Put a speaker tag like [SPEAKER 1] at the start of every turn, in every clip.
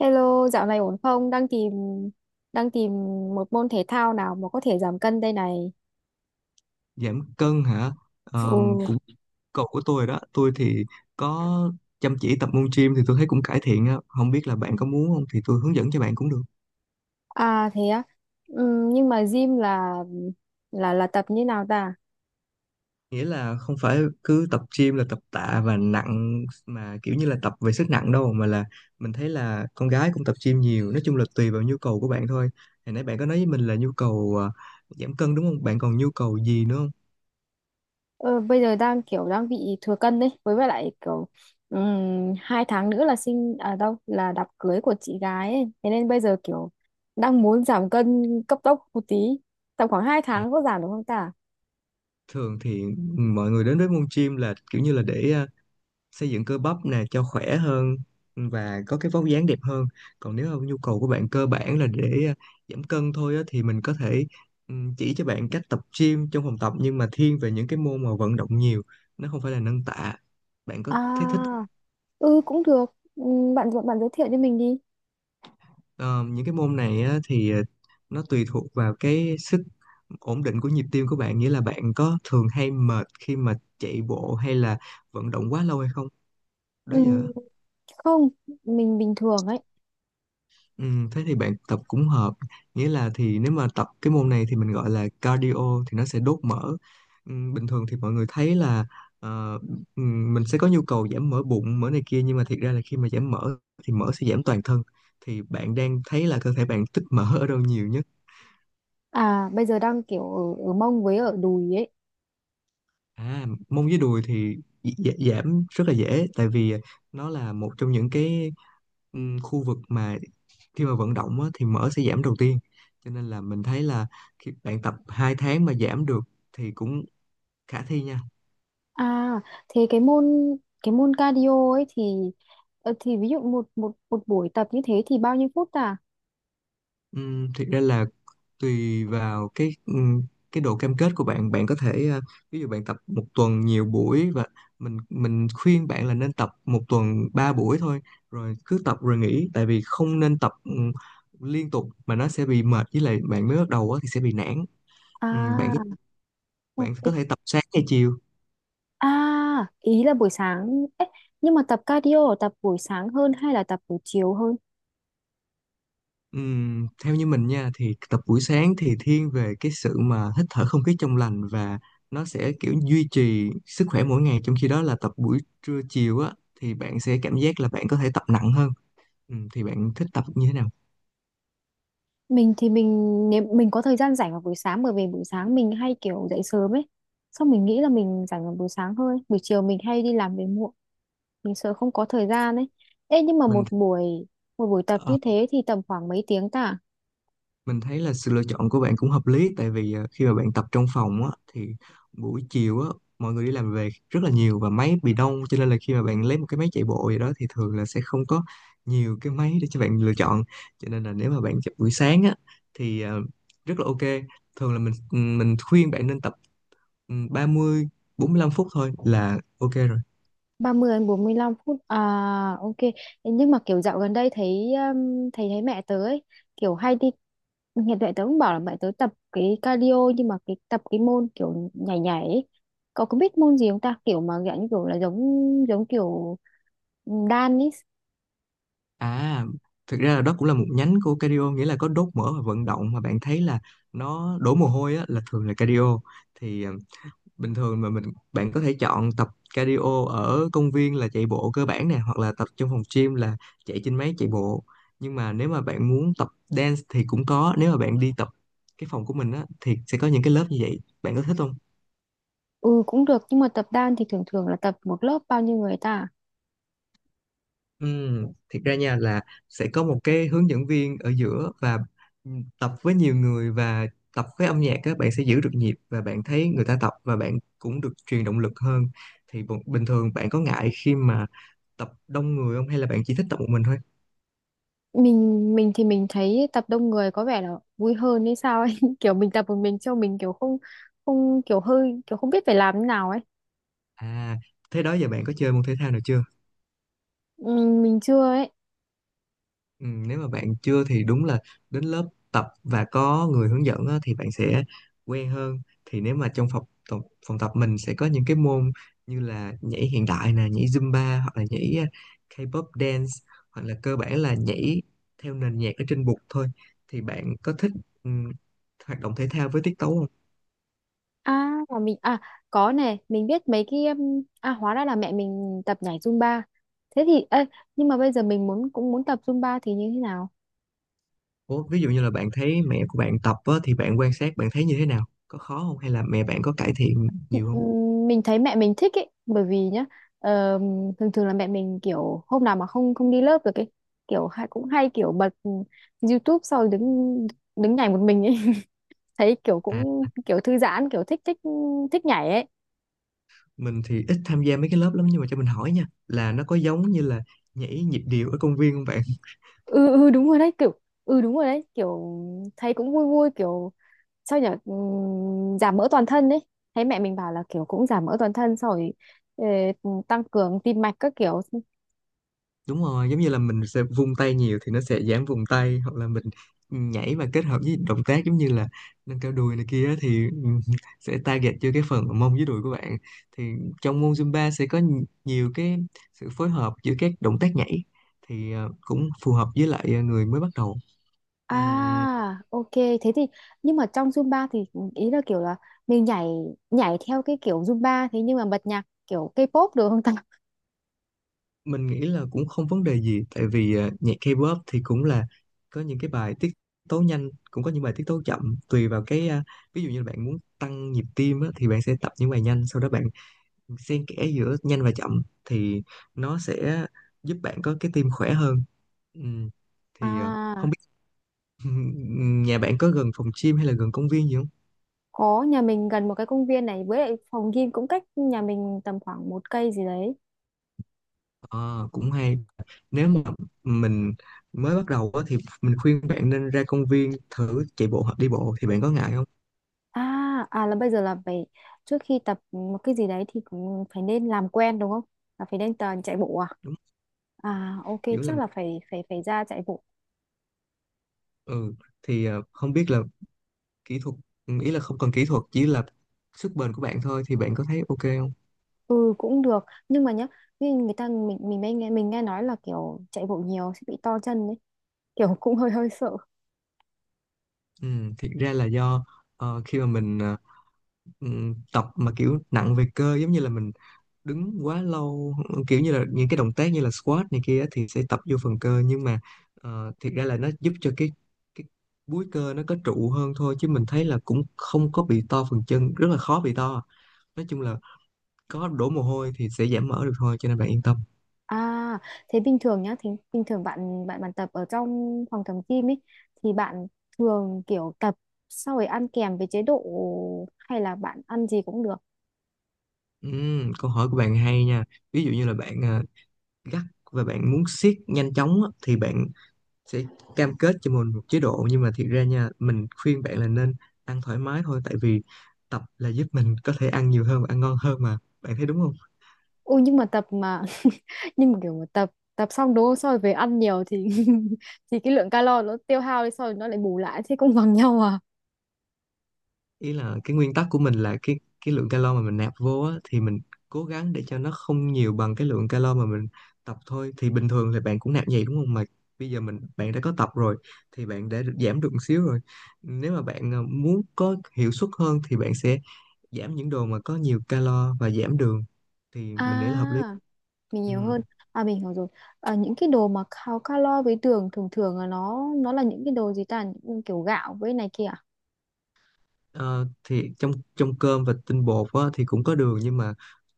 [SPEAKER 1] Hello, dạo này ổn không? Đang tìm một môn thể thao nào mà có thể giảm cân đây này.
[SPEAKER 2] Giảm cân hả?
[SPEAKER 1] Ồ.
[SPEAKER 2] Cũng cột của tôi rồi đó. Tôi thì có chăm chỉ tập môn gym thì tôi thấy cũng cải thiện á. Không biết là bạn có muốn không, thì tôi hướng dẫn cho bạn cũng được.
[SPEAKER 1] À, thế á. Nhưng mà gym là tập như nào ta?
[SPEAKER 2] Nghĩa là không phải cứ tập gym là tập tạ và nặng mà kiểu như là tập về sức nặng đâu, mà là mình thấy là con gái cũng tập gym nhiều. Nói chung là tùy vào nhu cầu của bạn thôi. Hồi nãy bạn có nói với mình là nhu cầu giảm cân đúng không, bạn còn nhu cầu gì nữa không?
[SPEAKER 1] Ờ, bây giờ đang kiểu đang bị thừa cân đấy, với lại kiểu 2 tháng nữa là sinh à đâu là đám cưới của chị gái ấy. Thế nên bây giờ kiểu đang muốn giảm cân cấp tốc một tí. Tầm khoảng hai
[SPEAKER 2] à,
[SPEAKER 1] tháng có giảm được không ta?
[SPEAKER 2] thường thì mọi người đến với môn gym là kiểu như là để xây dựng cơ bắp nè cho khỏe hơn và có cái vóc dáng đẹp hơn. Còn nếu mà nhu cầu của bạn cơ bản là để giảm cân thôi á, thì mình có thể chỉ cho bạn cách tập gym trong phòng tập, nhưng mà thiên về những cái môn mà vận động nhiều, nó không phải là nâng tạ. Bạn có
[SPEAKER 1] À,
[SPEAKER 2] thế thích?
[SPEAKER 1] ừ, cũng được. Bạn bạn giới thiệu cho mình đi.
[SPEAKER 2] Ờ, những cái môn này á, thì nó tùy thuộc vào cái sức ổn định của nhịp tim của bạn. Nghĩa là bạn có thường hay mệt khi mà chạy bộ hay là vận động quá lâu hay không, đó
[SPEAKER 1] Ừ.
[SPEAKER 2] giờ?
[SPEAKER 1] Không, mình bình thường ấy.
[SPEAKER 2] Ừ, thế thì bạn tập cũng hợp. Nghĩa là thì nếu mà tập cái môn này thì mình gọi là cardio, thì nó sẽ đốt mỡ. Ừ, bình thường thì mọi người thấy là ờ, ừ, mình sẽ có nhu cầu giảm mỡ bụng mỡ này kia, nhưng mà thiệt ra là khi mà giảm mỡ thì mỡ sẽ giảm toàn thân. Thì bạn đang thấy là cơ thể bạn tích mỡ ở đâu nhiều nhất?
[SPEAKER 1] À, bây giờ đang kiểu ở mông với ở đùi ấy.
[SPEAKER 2] À, mông với đùi thì giảm rất là dễ. Tại vì nó là một trong những cái khu vực mà khi mà vận động á, thì mỡ sẽ giảm đầu tiên. Cho nên là mình thấy là khi bạn tập 2 tháng mà giảm được thì cũng khả thi nha.
[SPEAKER 1] À, thế cái môn cardio ấy thì thì ví dụ một một một buổi tập như thế thì bao nhiêu phút à?
[SPEAKER 2] Thực ra là tùy vào cái độ cam kết của bạn. Bạn có thể ví dụ bạn tập một tuần nhiều buổi, và mình khuyên bạn là nên tập một tuần 3 buổi thôi, rồi cứ tập rồi nghỉ. Tại vì không nên tập liên tục, mà nó sẽ bị mệt, với lại bạn mới bắt đầu á thì sẽ bị nản. Bạn
[SPEAKER 1] À,
[SPEAKER 2] bạn có
[SPEAKER 1] ok.
[SPEAKER 2] thể tập sáng hay chiều.
[SPEAKER 1] À, ý là buổi sáng ấy, nhưng mà tập cardio là tập buổi sáng hơn hay là tập buổi chiều hơn?
[SPEAKER 2] Theo như mình nha thì tập buổi sáng thì thiên về cái sự mà hít thở không khí trong lành, và nó sẽ kiểu duy trì sức khỏe mỗi ngày. Trong khi đó là tập buổi trưa chiều á thì bạn sẽ cảm giác là bạn có thể tập nặng hơn. Thì bạn thích tập như thế nào?
[SPEAKER 1] Mình thì mình nếu mình có thời gian rảnh vào buổi sáng, bởi vì buổi sáng mình hay kiểu dậy sớm ấy, xong mình nghĩ là mình rảnh vào buổi sáng hơn, buổi chiều mình hay đi làm về muộn, mình sợ không có thời gian ấy. Ê, nhưng mà
[SPEAKER 2] mình
[SPEAKER 1] một buổi tập
[SPEAKER 2] ờ,
[SPEAKER 1] như thế thì tầm khoảng mấy tiếng ta?
[SPEAKER 2] mình thấy là sự lựa chọn của bạn cũng hợp lý. Tại vì khi mà bạn tập trong phòng á thì buổi chiều á, mọi người đi làm về rất là nhiều và máy bị đông. Cho nên là khi mà bạn lấy một cái máy chạy bộ gì đó thì thường là sẽ không có nhiều cái máy để cho bạn lựa chọn. Cho nên là nếu mà bạn chọn buổi sáng á thì rất là ok. Thường là mình mình khuyên bạn nên tập 30-45 phút thôi là ok rồi.
[SPEAKER 1] 30 đến 45 phút à? Ok. Ê, nhưng mà kiểu dạo gần đây thấy thấy thấy mẹ tớ ấy kiểu hay đi, hiện tại tớ cũng bảo là mẹ tớ tập cái cardio, nhưng mà cái tập cái môn kiểu nhảy nhảy ấy. Cậu có biết môn gì không ta, kiểu mà dạng như kiểu là giống giống kiểu đan ấy?
[SPEAKER 2] À, thực ra là đó cũng là một nhánh của cardio, nghĩa là có đốt mỡ và vận động. Mà bạn thấy là nó đổ mồ hôi á là thường là cardio. Thì bình thường mà mình, bạn có thể chọn tập cardio ở công viên là chạy bộ cơ bản nè, hoặc là tập trong phòng gym là chạy trên máy chạy bộ. Nhưng mà nếu mà bạn muốn tập dance thì cũng có, nếu mà bạn đi tập cái phòng của mình á thì sẽ có những cái lớp như vậy. Bạn có thích không?
[SPEAKER 1] Ừ, cũng được nhưng mà tập đan thì thường thường là tập một lớp bao nhiêu người ta?
[SPEAKER 2] Thiệt ra nha là sẽ có một cái hướng dẫn viên ở giữa và tập với nhiều người, và tập với âm nhạc, các bạn sẽ giữ được nhịp và bạn thấy người ta tập và bạn cũng được truyền động lực hơn. Thì bình thường bạn có ngại khi mà tập đông người không, hay là bạn chỉ thích tập một mình thôi?
[SPEAKER 1] Mình thì mình thấy tập đông người có vẻ là vui hơn hay sao ấy kiểu mình tập một mình cho mình kiểu không không kiểu hơi kiểu không biết phải làm thế nào ấy.
[SPEAKER 2] À, thế đó giờ bạn có chơi môn thể thao nào chưa?
[SPEAKER 1] Mình chưa ấy.
[SPEAKER 2] Ừ, nếu mà bạn chưa thì đúng là đến lớp tập và có người hướng dẫn á, thì bạn sẽ quen hơn. Thì nếu mà trong tập, phòng tập mình sẽ có những cái môn như là nhảy hiện đại nè, nhảy Zumba, hoặc là nhảy K-pop dance, hoặc là cơ bản là nhảy theo nền nhạc ở trên bục thôi. Thì bạn có thích ừm, hoạt động thể thao với tiết tấu không?
[SPEAKER 1] À, mà mình, à, có này mình biết mấy cái à, hóa ra là mẹ mình tập nhảy Zumba, thế thì ê, nhưng mà bây giờ mình muốn cũng muốn tập Zumba thì như thế nào?
[SPEAKER 2] Ủa, ví dụ như là bạn thấy mẹ của bạn tập á, thì bạn quan sát bạn thấy như thế nào? Có khó không hay là mẹ bạn có cải thiện nhiều không?
[SPEAKER 1] Mình thấy mẹ mình thích ấy, bởi vì nhá ờ, thường thường là mẹ mình kiểu hôm nào mà không không đi lớp được ấy, kiểu hay cũng hay kiểu bật YouTube sau đứng đứng nhảy một mình ấy thấy kiểu
[SPEAKER 2] À,
[SPEAKER 1] cũng kiểu thư giãn kiểu thích thích thích nhảy ấy.
[SPEAKER 2] mình thì ít tham gia mấy cái lớp lắm, nhưng mà cho mình hỏi nha là nó có giống như là nhảy nhịp điệu ở công viên không bạn?
[SPEAKER 1] Ừ, ừ, đúng rồi đấy kiểu. Ừ, đúng rồi đấy kiểu, thấy cũng vui vui, kiểu sao nhở. Giảm mỡ toàn thân đấy, thấy mẹ mình bảo là kiểu cũng giảm mỡ toàn thân, xong rồi tăng cường tim mạch các kiểu.
[SPEAKER 2] Đúng rồi, giống như là mình sẽ vung tay nhiều thì nó sẽ giảm vùng tay, hoặc là mình nhảy mà kết hợp với động tác giống như là nâng cao đùi này kia á thì sẽ target cho cái phần mông với đùi của bạn. Thì trong môn Zumba sẽ có nhiều cái sự phối hợp giữa các động tác nhảy, thì cũng phù hợp với lại người mới bắt đầu.
[SPEAKER 1] À, ok. Thế thì nhưng mà trong Zumba thì ý là kiểu là mình nhảy nhảy theo cái kiểu Zumba thế, nhưng mà bật nhạc kiểu K-pop được không ta?
[SPEAKER 2] Mình nghĩ là cũng không vấn đề gì, tại vì nhạc K-pop thì cũng là có những cái bài tiết tấu nhanh, cũng có những bài tiết tấu chậm. Tùy vào cái ví dụ như bạn muốn tăng nhịp tim á, thì bạn sẽ tập những bài nhanh, sau đó bạn xen kẽ giữa nhanh và chậm thì nó sẽ giúp bạn có cái tim khỏe hơn. Ừ. Thì
[SPEAKER 1] À,
[SPEAKER 2] không biết nhà bạn có gần phòng gym hay là gần công viên gì không?
[SPEAKER 1] có, nhà mình gần một cái công viên này, với lại phòng gym cũng cách nhà mình tầm khoảng một cây gì đấy.
[SPEAKER 2] Ờ, cũng hay. Nếu mà mình mới bắt đầu á, thì mình khuyên bạn nên ra công viên thử chạy bộ hoặc đi bộ. Thì bạn có ngại không?
[SPEAKER 1] À, à là bây giờ là phải trước khi tập một cái gì đấy thì cũng phải nên làm quen đúng không? Là phải nên chạy bộ à?
[SPEAKER 2] Đúng,
[SPEAKER 1] À, ok,
[SPEAKER 2] kiểu
[SPEAKER 1] chắc
[SPEAKER 2] làm,
[SPEAKER 1] là phải phải phải ra chạy bộ.
[SPEAKER 2] ừ. Thì không biết là kỹ thuật, ừ, ý là không cần kỹ thuật, chỉ là sức bền của bạn thôi. Thì bạn có thấy ok không?
[SPEAKER 1] Ừ, cũng được nhưng mà nhá, như người ta mình mới nghe, mình nghe nói là kiểu chạy bộ nhiều sẽ bị to chân đấy kiểu cũng hơi hơi sợ.
[SPEAKER 2] Ừ, thiệt ra là do khi mà mình tập mà kiểu nặng về cơ, giống như là mình đứng quá lâu, kiểu như là những cái động tác như là squat này kia á, thì sẽ tập vô phần cơ. Nhưng mà thiệt ra là nó giúp cho cái búi cơ nó có trụ hơn thôi, chứ mình thấy là cũng không có bị to phần chân, rất là khó bị to. Nói chung là có đổ mồ hôi thì sẽ giảm mỡ được thôi, cho nên bạn yên tâm.
[SPEAKER 1] À, thế bình thường nhá thì bình thường bạn bạn bạn tập ở trong phòng tập gym ấy thì bạn thường kiểu tập sau rồi ăn kèm với chế độ, hay là bạn ăn gì cũng được?
[SPEAKER 2] Câu hỏi của bạn hay nha. Ví dụ như là bạn gắt và bạn muốn siết nhanh chóng á, thì bạn sẽ cam kết cho mình một chế độ. Nhưng mà thiệt ra nha, mình khuyên bạn là nên ăn thoải mái thôi. Tại vì tập là giúp mình có thể ăn nhiều hơn và ăn ngon hơn mà. Bạn thấy đúng không?
[SPEAKER 1] Ừ, nhưng mà tập mà nhưng mà kiểu mà tập tập xong đúng không, sau rồi về ăn nhiều thì thì cái lượng calo nó tiêu hao đi sau rồi nó lại bù lại, thế cũng bằng nhau à?
[SPEAKER 2] Ý là cái nguyên tắc của mình là cái lượng calo mà mình nạp vô á, thì mình cố gắng để cho nó không nhiều bằng cái lượng calo mà mình tập thôi. Thì bình thường thì bạn cũng nạp vậy đúng không, mà bây giờ bạn đã có tập rồi thì bạn đã được giảm được một xíu rồi. Nếu mà bạn muốn có hiệu suất hơn thì bạn sẽ giảm những đồ mà có nhiều calo và giảm đường, thì mình nghĩ là hợp lý.
[SPEAKER 1] À, mình
[SPEAKER 2] Ừ.
[SPEAKER 1] nhiều hơn. À, mình hiểu rồi. À, những cái đồ mà cao calo với đường thường thường là nó là những cái đồ gì ta, những kiểu gạo với này kia à?
[SPEAKER 2] Ờ, thì trong trong cơm và tinh bột á, thì cũng có đường, nhưng mà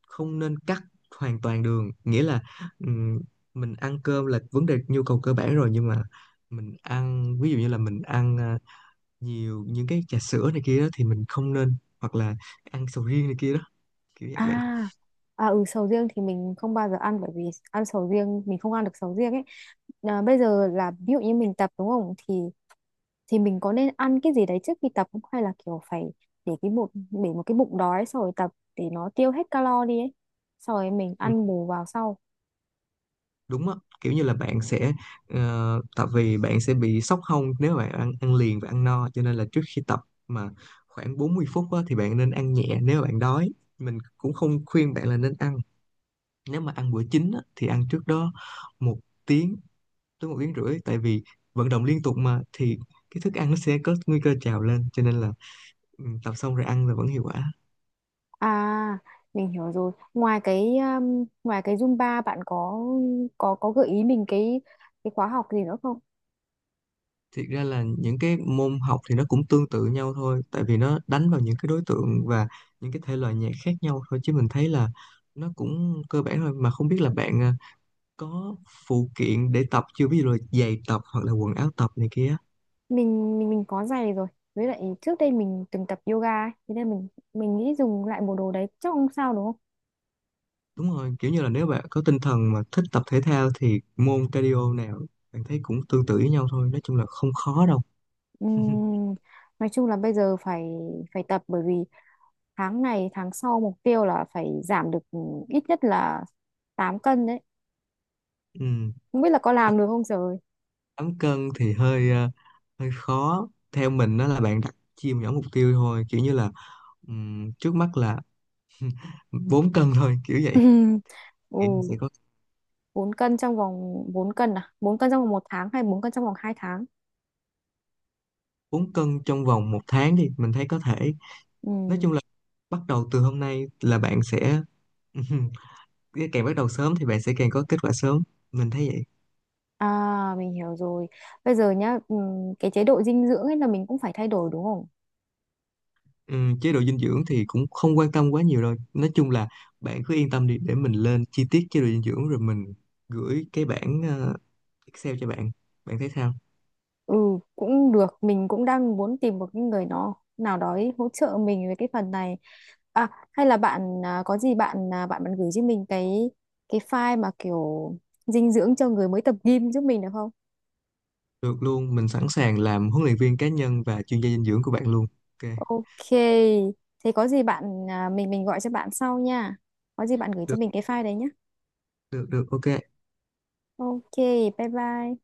[SPEAKER 2] không nên cắt hoàn toàn đường. Nghĩa là ừm, mình ăn cơm là vấn đề nhu cầu cơ bản rồi, nhưng mà mình ăn ví dụ như là mình ăn nhiều những cái trà sữa này kia đó thì mình không nên, hoặc là ăn sầu riêng này kia đó, kiểu vậy
[SPEAKER 1] À,
[SPEAKER 2] bạn.
[SPEAKER 1] à, ừ, sầu riêng thì mình không bao giờ ăn, bởi vì ăn sầu riêng, mình không ăn được sầu riêng ấy. À, bây giờ là ví dụ như mình tập đúng không thì thì mình có nên ăn cái gì đấy trước khi tập không, hay là kiểu phải để cái bụng, để một cái bụng đói xong rồi tập để nó tiêu hết calo đi ấy, xong rồi mình
[SPEAKER 2] Ừ,
[SPEAKER 1] ăn bù vào sau?
[SPEAKER 2] đúng á, kiểu như là bạn sẽ tại vì bạn sẽ bị sốc hông nếu bạn ăn ăn liền và ăn no. Cho nên là trước khi tập mà khoảng 40 phút á, thì bạn nên ăn nhẹ nếu bạn đói. Mình cũng không khuyên bạn là nên ăn, nếu mà ăn bữa chính á, thì ăn trước đó một tiếng tới một tiếng rưỡi. Tại vì vận động liên tục mà thì cái thức ăn nó sẽ có nguy cơ trào lên, cho nên là ừ, tập xong rồi ăn là vẫn hiệu quả.
[SPEAKER 1] À, mình hiểu rồi. Ngoài cái Zumba, bạn có gợi ý mình cái khóa học gì nữa không?
[SPEAKER 2] Thiệt ra là những cái môn học thì nó cũng tương tự nhau thôi, tại vì nó đánh vào những cái đối tượng và những cái thể loại nhạc khác nhau thôi, chứ mình thấy là nó cũng cơ bản thôi. Mà không biết là bạn có phụ kiện để tập chưa, ví dụ là giày tập hoặc là quần áo tập này kia.
[SPEAKER 1] Mình có giày rồi. Với lại trước đây mình từng tập yoga ấy, thế nên mình nghĩ dùng lại bộ đồ đấy chắc không sao đúng không?
[SPEAKER 2] Đúng rồi, kiểu như là nếu bạn có tinh thần mà thích tập thể thao thì môn cardio nào bạn thấy cũng tương tự với nhau thôi, nói chung là không khó đâu.
[SPEAKER 1] Ừm, nói chung là bây giờ phải phải tập, bởi vì tháng này tháng sau mục tiêu là phải giảm được ít nhất là 8 cân đấy.
[SPEAKER 2] Ừ,
[SPEAKER 1] Không biết là có làm được không trời.
[SPEAKER 2] 8 cân thì hơi hơi khó theo mình, đó là bạn đặt chia nhỏ mục tiêu thôi, kiểu như là trước mắt là 4 cân thôi kiểu vậy. Nghĩ mình sẽ
[SPEAKER 1] Ừ.
[SPEAKER 2] có
[SPEAKER 1] 4 cân trong vòng 4 cân à, 4 cân trong vòng một tháng hay 4 cân trong vòng 2 tháng?
[SPEAKER 2] 4 cân trong vòng một tháng đi, mình thấy có thể.
[SPEAKER 1] Ừ.
[SPEAKER 2] Nói chung là bắt đầu từ hôm nay là bạn sẽ càng bắt đầu sớm thì bạn sẽ càng có kết quả sớm. Mình thấy vậy.
[SPEAKER 1] À, mình hiểu rồi. Bây giờ nhá, cái chế độ dinh dưỡng ấy là mình cũng phải thay đổi đúng không?
[SPEAKER 2] Chế độ dinh dưỡng thì cũng không quan tâm quá nhiều đâu, nói chung là bạn cứ yên tâm đi, để mình lên chi tiết chế độ dinh dưỡng rồi mình gửi cái bảng Excel cho bạn. Bạn thấy sao?
[SPEAKER 1] Ừ, cũng được, mình cũng đang muốn tìm một cái người nó nào đó ấy hỗ trợ mình về cái phần này. À, hay là bạn, à, có gì bạn à, bạn bạn gửi cho mình cái file mà kiểu dinh dưỡng cho người mới tập gym giúp mình được không?
[SPEAKER 2] Được luôn, mình sẵn sàng làm huấn luyện viên cá nhân và chuyên gia dinh dưỡng của bạn luôn. Ok,
[SPEAKER 1] Ok, thế có gì bạn, à, mình gọi cho bạn sau nha, có gì bạn gửi cho
[SPEAKER 2] được,
[SPEAKER 1] mình cái file đấy nhé.
[SPEAKER 2] được, được, ok.
[SPEAKER 1] Ok, bye bye.